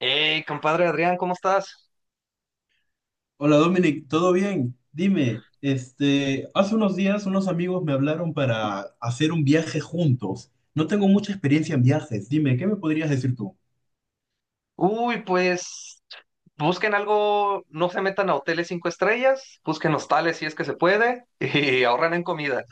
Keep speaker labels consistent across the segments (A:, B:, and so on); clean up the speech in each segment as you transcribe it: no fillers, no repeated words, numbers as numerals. A: Hey, compadre Adrián, ¿cómo estás?
B: Hola Dominic, ¿todo bien? Dime, hace unos días unos amigos me hablaron para hacer un viaje juntos. No tengo mucha experiencia en viajes. Dime, ¿qué me podrías decir tú?
A: Uy, pues busquen algo, no se metan a hoteles cinco estrellas, busquen hostales si es que se puede y ahorran en comida.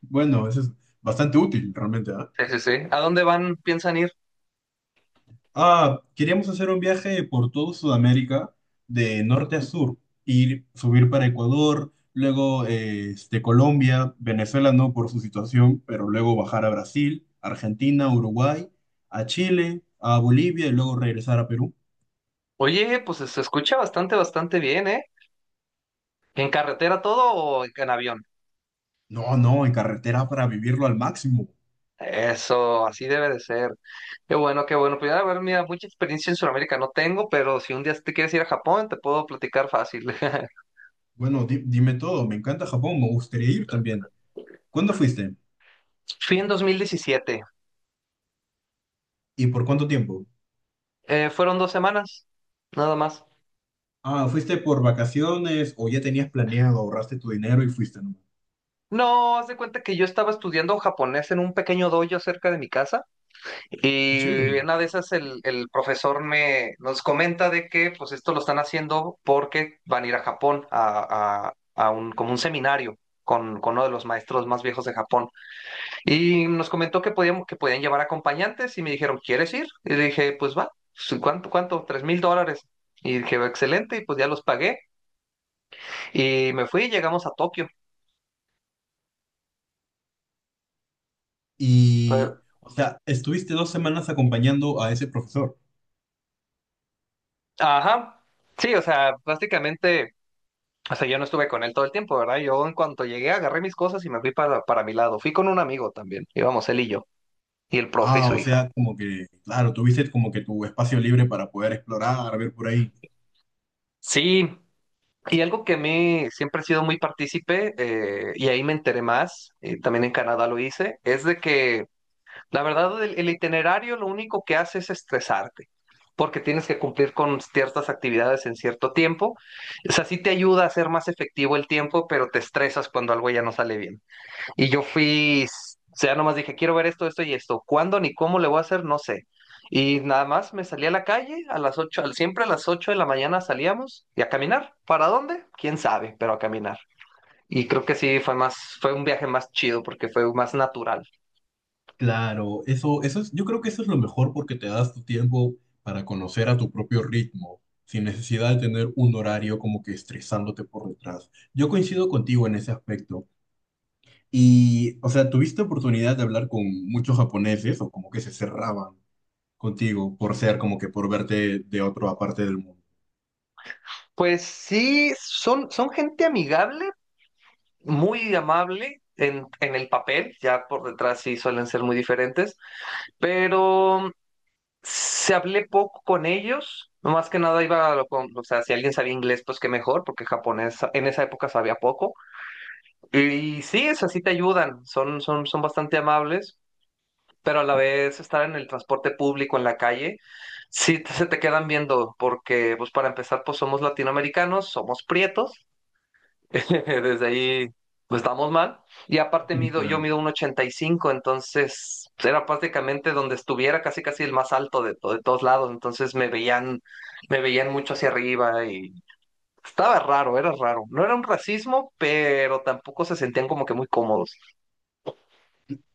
B: Bueno, eso es bastante útil realmente, ¿ah?
A: Sí, sí, sí. ¿A dónde van? ¿Piensan ir?
B: Ah, queríamos hacer un viaje por todo Sudamérica, de norte a sur, ir, subir para Ecuador, luego Colombia, Venezuela no por su situación, pero luego bajar a Brasil, Argentina, Uruguay, a Chile, a Bolivia y luego regresar a Perú.
A: Oye, pues se escucha bastante, bastante bien, ¿eh? ¿En carretera todo o en avión?
B: No, no, en carretera para vivirlo al máximo.
A: Eso, así debe de ser. Qué bueno, qué bueno. Pues a ver, mira, mucha experiencia en Sudamérica no tengo, pero si un día te quieres ir a Japón, te puedo platicar fácil.
B: Bueno, dime todo, me encanta Japón, me gustaría ir también. ¿Cuándo fuiste?
A: Fui en 2017.
B: ¿Y por cuánto tiempo?
A: Fueron 2 semanas, nada más.
B: Ah, ¿fuiste por vacaciones o ya tenías planeado, ahorraste tu dinero y fuiste nomás?
A: No, haz de cuenta que yo estaba estudiando japonés en un pequeño dojo cerca de mi casa
B: Qué
A: y
B: chévere.
A: en una de esas el profesor me nos comenta de que pues esto lo están haciendo porque van a ir a Japón a, a un como un seminario con uno de los maestros más viejos de Japón y nos comentó que podíamos que podían llevar acompañantes y me dijeron: ¿quieres ir? Y le dije pues va. Sí, ¿cuánto? $3,000. Y dije: excelente. Y pues ya los pagué y me fui y llegamos a Tokio.
B: Y, o sea, estuviste 2 semanas acompañando a ese profesor.
A: Ajá. Sí, o sea, básicamente, o sea, yo no estuve con él todo el tiempo, ¿verdad? Yo en cuanto llegué agarré mis cosas y me fui para mi lado. Fui con un amigo también, íbamos él y yo, y el profe y
B: Ah,
A: su
B: o
A: hija.
B: sea, como que, claro, tuviste como que tu espacio libre para poder explorar, ver por ahí.
A: Sí, y algo que a mí siempre he sido muy partícipe, y ahí me enteré más, y también en Canadá lo hice, es de que la verdad el itinerario lo único que hace es estresarte, porque tienes que cumplir con ciertas actividades en cierto tiempo. O sea, sí te ayuda a ser más efectivo el tiempo, pero te estresas cuando algo ya no sale bien. Y yo fui, o sea, nomás dije, quiero ver esto, esto y esto. ¿Cuándo ni cómo le voy a hacer? No sé. Y nada más me salí a la calle a las 8, siempre a las 8 de la mañana salíamos y a caminar. ¿Para dónde? Quién sabe, pero a caminar. Y creo que sí fue un viaje más chido porque fue más natural.
B: Claro, eso es, yo creo que eso es lo mejor porque te das tu tiempo para conocer a tu propio ritmo, sin necesidad de tener un horario como que estresándote por detrás. Yo coincido contigo en ese aspecto. Y, o sea, ¿tuviste oportunidad de hablar con muchos japoneses o como que se cerraban contigo por ser como que por verte de otra parte del mundo?
A: Pues sí, son gente amigable, muy amable en el papel, ya por detrás sí suelen ser muy diferentes, pero se hablé poco con ellos, no más que nada iba a lo con, o sea, si alguien sabía inglés, pues qué mejor, porque japonés en esa época sabía poco. Y, sí, es así te ayudan, son bastante amables, pero a la vez estar en el transporte público, en la calle, se te quedan viendo, porque pues para empezar, pues somos latinoamericanos, somos prietos. Desde ahí, pues estamos mal. Y aparte mido, yo
B: Claro.
A: mido un 85, entonces pues, era prácticamente donde estuviera casi casi el más alto de, de todos lados. Entonces me veían mucho hacia arriba y estaba raro, era raro. No era un racismo, pero tampoco se sentían como que muy cómodos.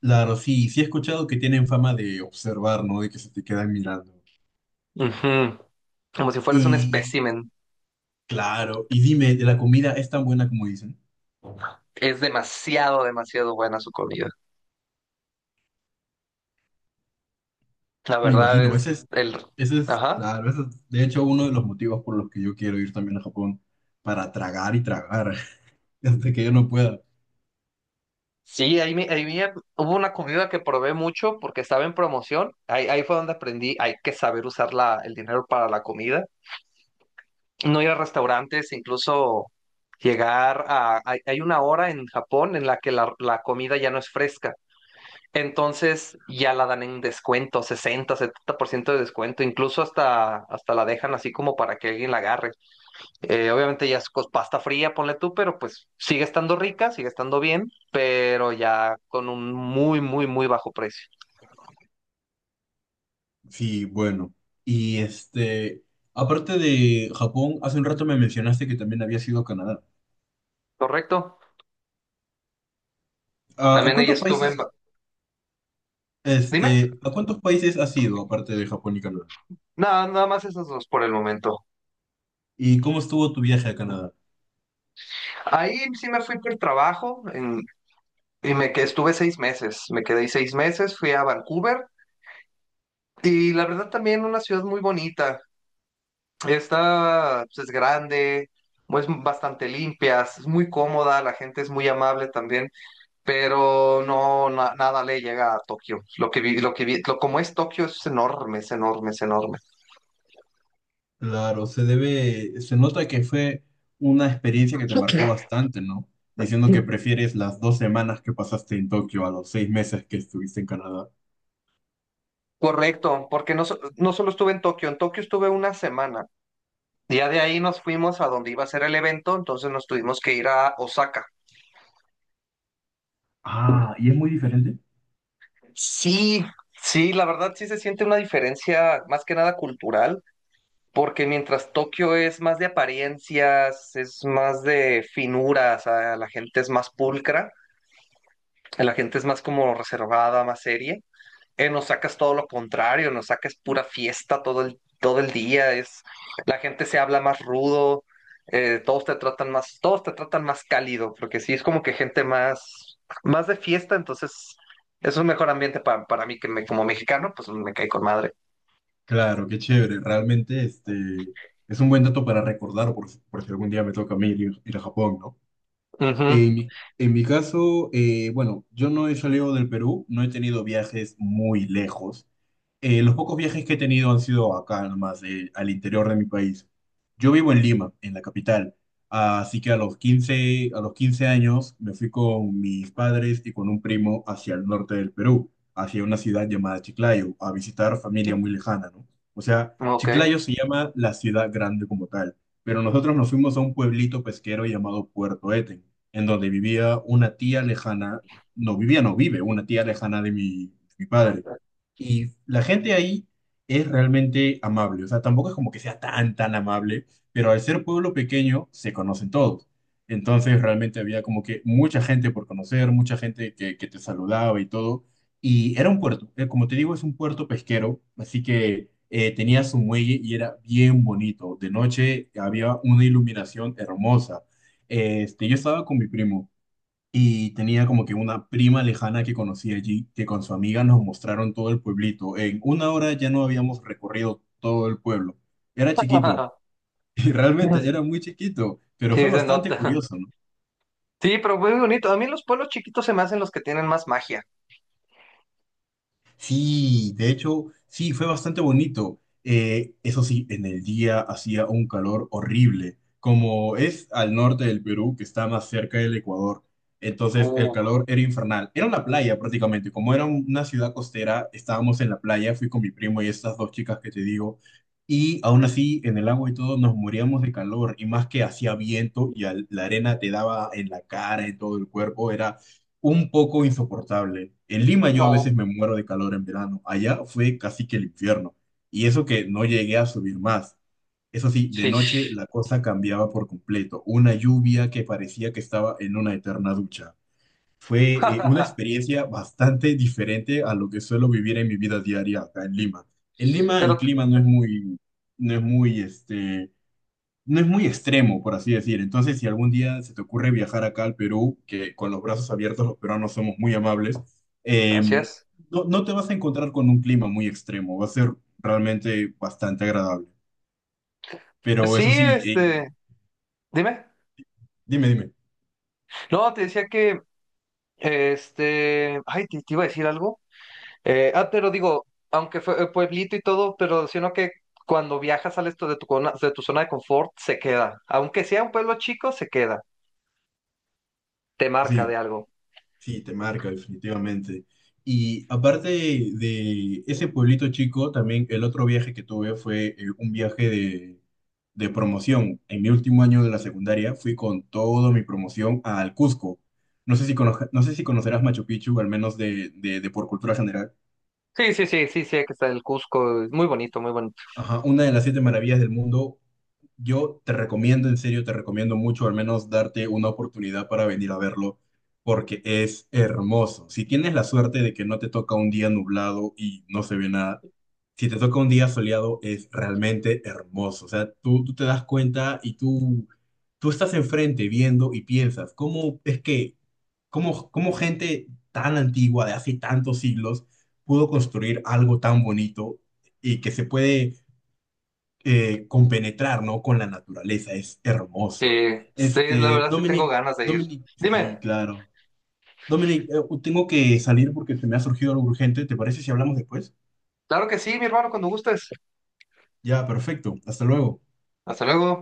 B: Claro, sí, sí he escuchado que tienen fama de observar, ¿no? De que se te quedan mirando.
A: Ujú. Como si fueras un
B: Y,
A: espécimen.
B: claro, y dime, ¿de la comida es tan buena como dicen?
A: Es demasiado, demasiado buena su comida. La
B: Me
A: verdad
B: imagino,
A: es el. Ajá.
B: claro, ese es, de hecho, uno de los motivos por los que yo quiero ir también a Japón, para tragar y tragar, hasta que yo no pueda.
A: Sí, ahí, hubo una comida que probé mucho porque estaba en promoción. Ahí fue donde aprendí, hay que saber usar el dinero para la comida. No ir a restaurantes, incluso llegar a. Hay una hora en Japón en la que la comida ya no es fresca. Entonces ya la dan en descuento, 60-70% de descuento. Incluso hasta la dejan así como para que alguien la agarre. Obviamente ya es pasta fría, ponle tú, pero pues sigue estando rica, sigue estando bien, pero ya con un muy, muy, muy bajo precio.
B: Sí, bueno. Y aparte de Japón, hace un rato me mencionaste que también habías ido a Canadá.
A: Correcto.
B: ¿A
A: También ahí estuve en. Dime.
B: a cuántos países has ido aparte de Japón y Canadá?
A: Nada, nada más esas dos por el momento.
B: ¿Y cómo estuvo tu viaje a Canadá?
A: Ahí sí me fui por trabajo y me que estuve 6 meses. Me quedé ahí 6 meses, fui a Vancouver y la verdad también una ciudad muy bonita. Está, pues, es grande, es bastante limpia, es muy cómoda, la gente es muy amable también. Pero no, nada le llega a Tokio. Lo que vi, como es Tokio, es enorme, es enorme, es enorme.
B: Claro, se nota que fue una experiencia que te marcó bastante, ¿no? Diciendo que prefieres las 2 semanas que pasaste en Tokio a los 6 meses que estuviste en Canadá.
A: Correcto, porque no, no solo estuve en Tokio estuve una semana. Ya de ahí nos fuimos a donde iba a ser el evento, entonces nos tuvimos que ir a Osaka.
B: Ah, ¿y es muy diferente?
A: Sí, sí, la verdad sí se siente una diferencia más que nada cultural, porque mientras Tokio es más de apariencias, es más de finuras, a la gente es más pulcra, la gente es más como reservada, más seria. Nos sacas todo lo contrario, nos sacas pura fiesta todo el día, la gente se habla más rudo, todos te tratan más cálido, porque sí es como que gente más de fiesta, entonces es un mejor ambiente para mí que, como mexicano, pues me cae con madre.
B: Claro, qué chévere. Realmente, es un buen dato para recordar por si algún día me toca a mí ir a Japón, ¿no?
A: Ujú.
B: En mi, en mi caso, bueno, yo no he salido del Perú, no he tenido viajes muy lejos. Los pocos viajes que he tenido han sido acá nomás, al interior de mi país. Yo vivo en Lima, en la capital, así que a los quince años me fui con mis padres y con un primo hacia el norte del Perú, hacia una ciudad llamada Chiclayo, a visitar familia muy lejana, ¿no? O sea,
A: Ok.
B: Chiclayo se llama la ciudad grande como tal, pero nosotros nos fuimos a un pueblito pesquero llamado Puerto Eten en donde vivía una tía lejana, no vivía, no vive, una tía lejana de mi padre. Y la gente ahí es realmente amable, o sea, tampoco es como que sea tan, tan amable, pero al ser pueblo pequeño se conocen todos. Entonces realmente había como que mucha gente por conocer, mucha gente que te saludaba y todo. Y era un puerto, como te digo, es un puerto pesquero, así que tenía su muelle y era bien bonito. De noche había una iluminación hermosa. Yo estaba con mi primo. Y tenía como que una prima lejana que conocí allí, que con su amiga nos mostraron todo el pueblito. En una hora ya no habíamos recorrido todo el pueblo. Era chiquito, y realmente era muy chiquito, pero fue
A: Sí, se
B: bastante
A: nota.
B: curioso, ¿no?
A: Sí, pero muy bonito. A mí los pueblos chiquitos se me hacen los que tienen más magia.
B: Sí, de hecho, sí, fue bastante bonito. Eso sí, en el día hacía un calor horrible, como es al norte del Perú, que está más cerca del Ecuador. Entonces el
A: Uh,
B: calor era infernal. Era una playa prácticamente, como era una ciudad costera, estábamos en la playa, fui con mi primo y estas dos chicas que te digo, y aún así en el agua y todo nos moríamos de calor, y más que hacía viento y la arena te daba en la cara, en todo el cuerpo, un poco insoportable. En Lima yo a
A: no.
B: veces me muero de calor en verano. Allá fue casi que el infierno. Y eso que no llegué a subir más. Eso sí, de
A: Sí.
B: noche la cosa cambiaba por completo. Una lluvia que parecía que estaba en una eterna ducha. Fue una experiencia bastante diferente a lo que suelo vivir en mi vida diaria acá en Lima. En Lima el
A: Pero,
B: clima no es muy, este, no es muy extremo, por así decir. Entonces, si algún día se te ocurre viajar acá al Perú, que con los brazos abiertos los peruanos somos muy amables, eh,
A: gracias.
B: no, no te vas a encontrar con un clima muy extremo, va a ser realmente bastante agradable.
A: Pues
B: Pero
A: sí,
B: eso sí,
A: este, dime.
B: dime, dime.
A: No, te decía que, este, ay, te iba a decir algo. Ah, pero digo, aunque fue pueblito y todo, pero sino que cuando viajas sales tú de tu zona de confort, se queda. Aunque sea un pueblo chico, se queda. Te marca
B: Sí.
A: de algo.
B: Sí, te marca, definitivamente. Y aparte de ese pueblito chico, también el otro viaje que tuve fue un viaje de promoción. En mi último año de la secundaria fui con toda mi promoción al Cusco. No sé si conocerás Machu Picchu, al menos de por cultura general.
A: Sí, sí, sí, sí, sí, que está el Cusco. Es muy bonito, muy bonito.
B: Ajá, una de las siete maravillas del mundo. Yo te recomiendo, en serio, te recomiendo mucho, al menos darte una oportunidad para venir a verlo, porque es hermoso. Si tienes la suerte de que no te toca un día nublado y no se ve nada, si te toca un día soleado, es realmente hermoso. O sea, tú te das cuenta y tú estás enfrente viendo y piensas, ¿cómo es que, cómo, cómo gente tan antigua, de hace tantos siglos, pudo construir algo tan bonito y que se puede compenetrar, ¿no? Con la naturaleza, es hermoso.
A: Sí, sí, la verdad sí tengo
B: Dominic,
A: ganas de ir.
B: Dominic, sí,
A: Dime,
B: claro. Dominic, tengo que salir porque se me ha surgido algo urgente. ¿Te parece si hablamos después?
A: claro que sí, mi hermano, cuando gustes.
B: Ya, perfecto. Hasta luego.
A: Hasta luego.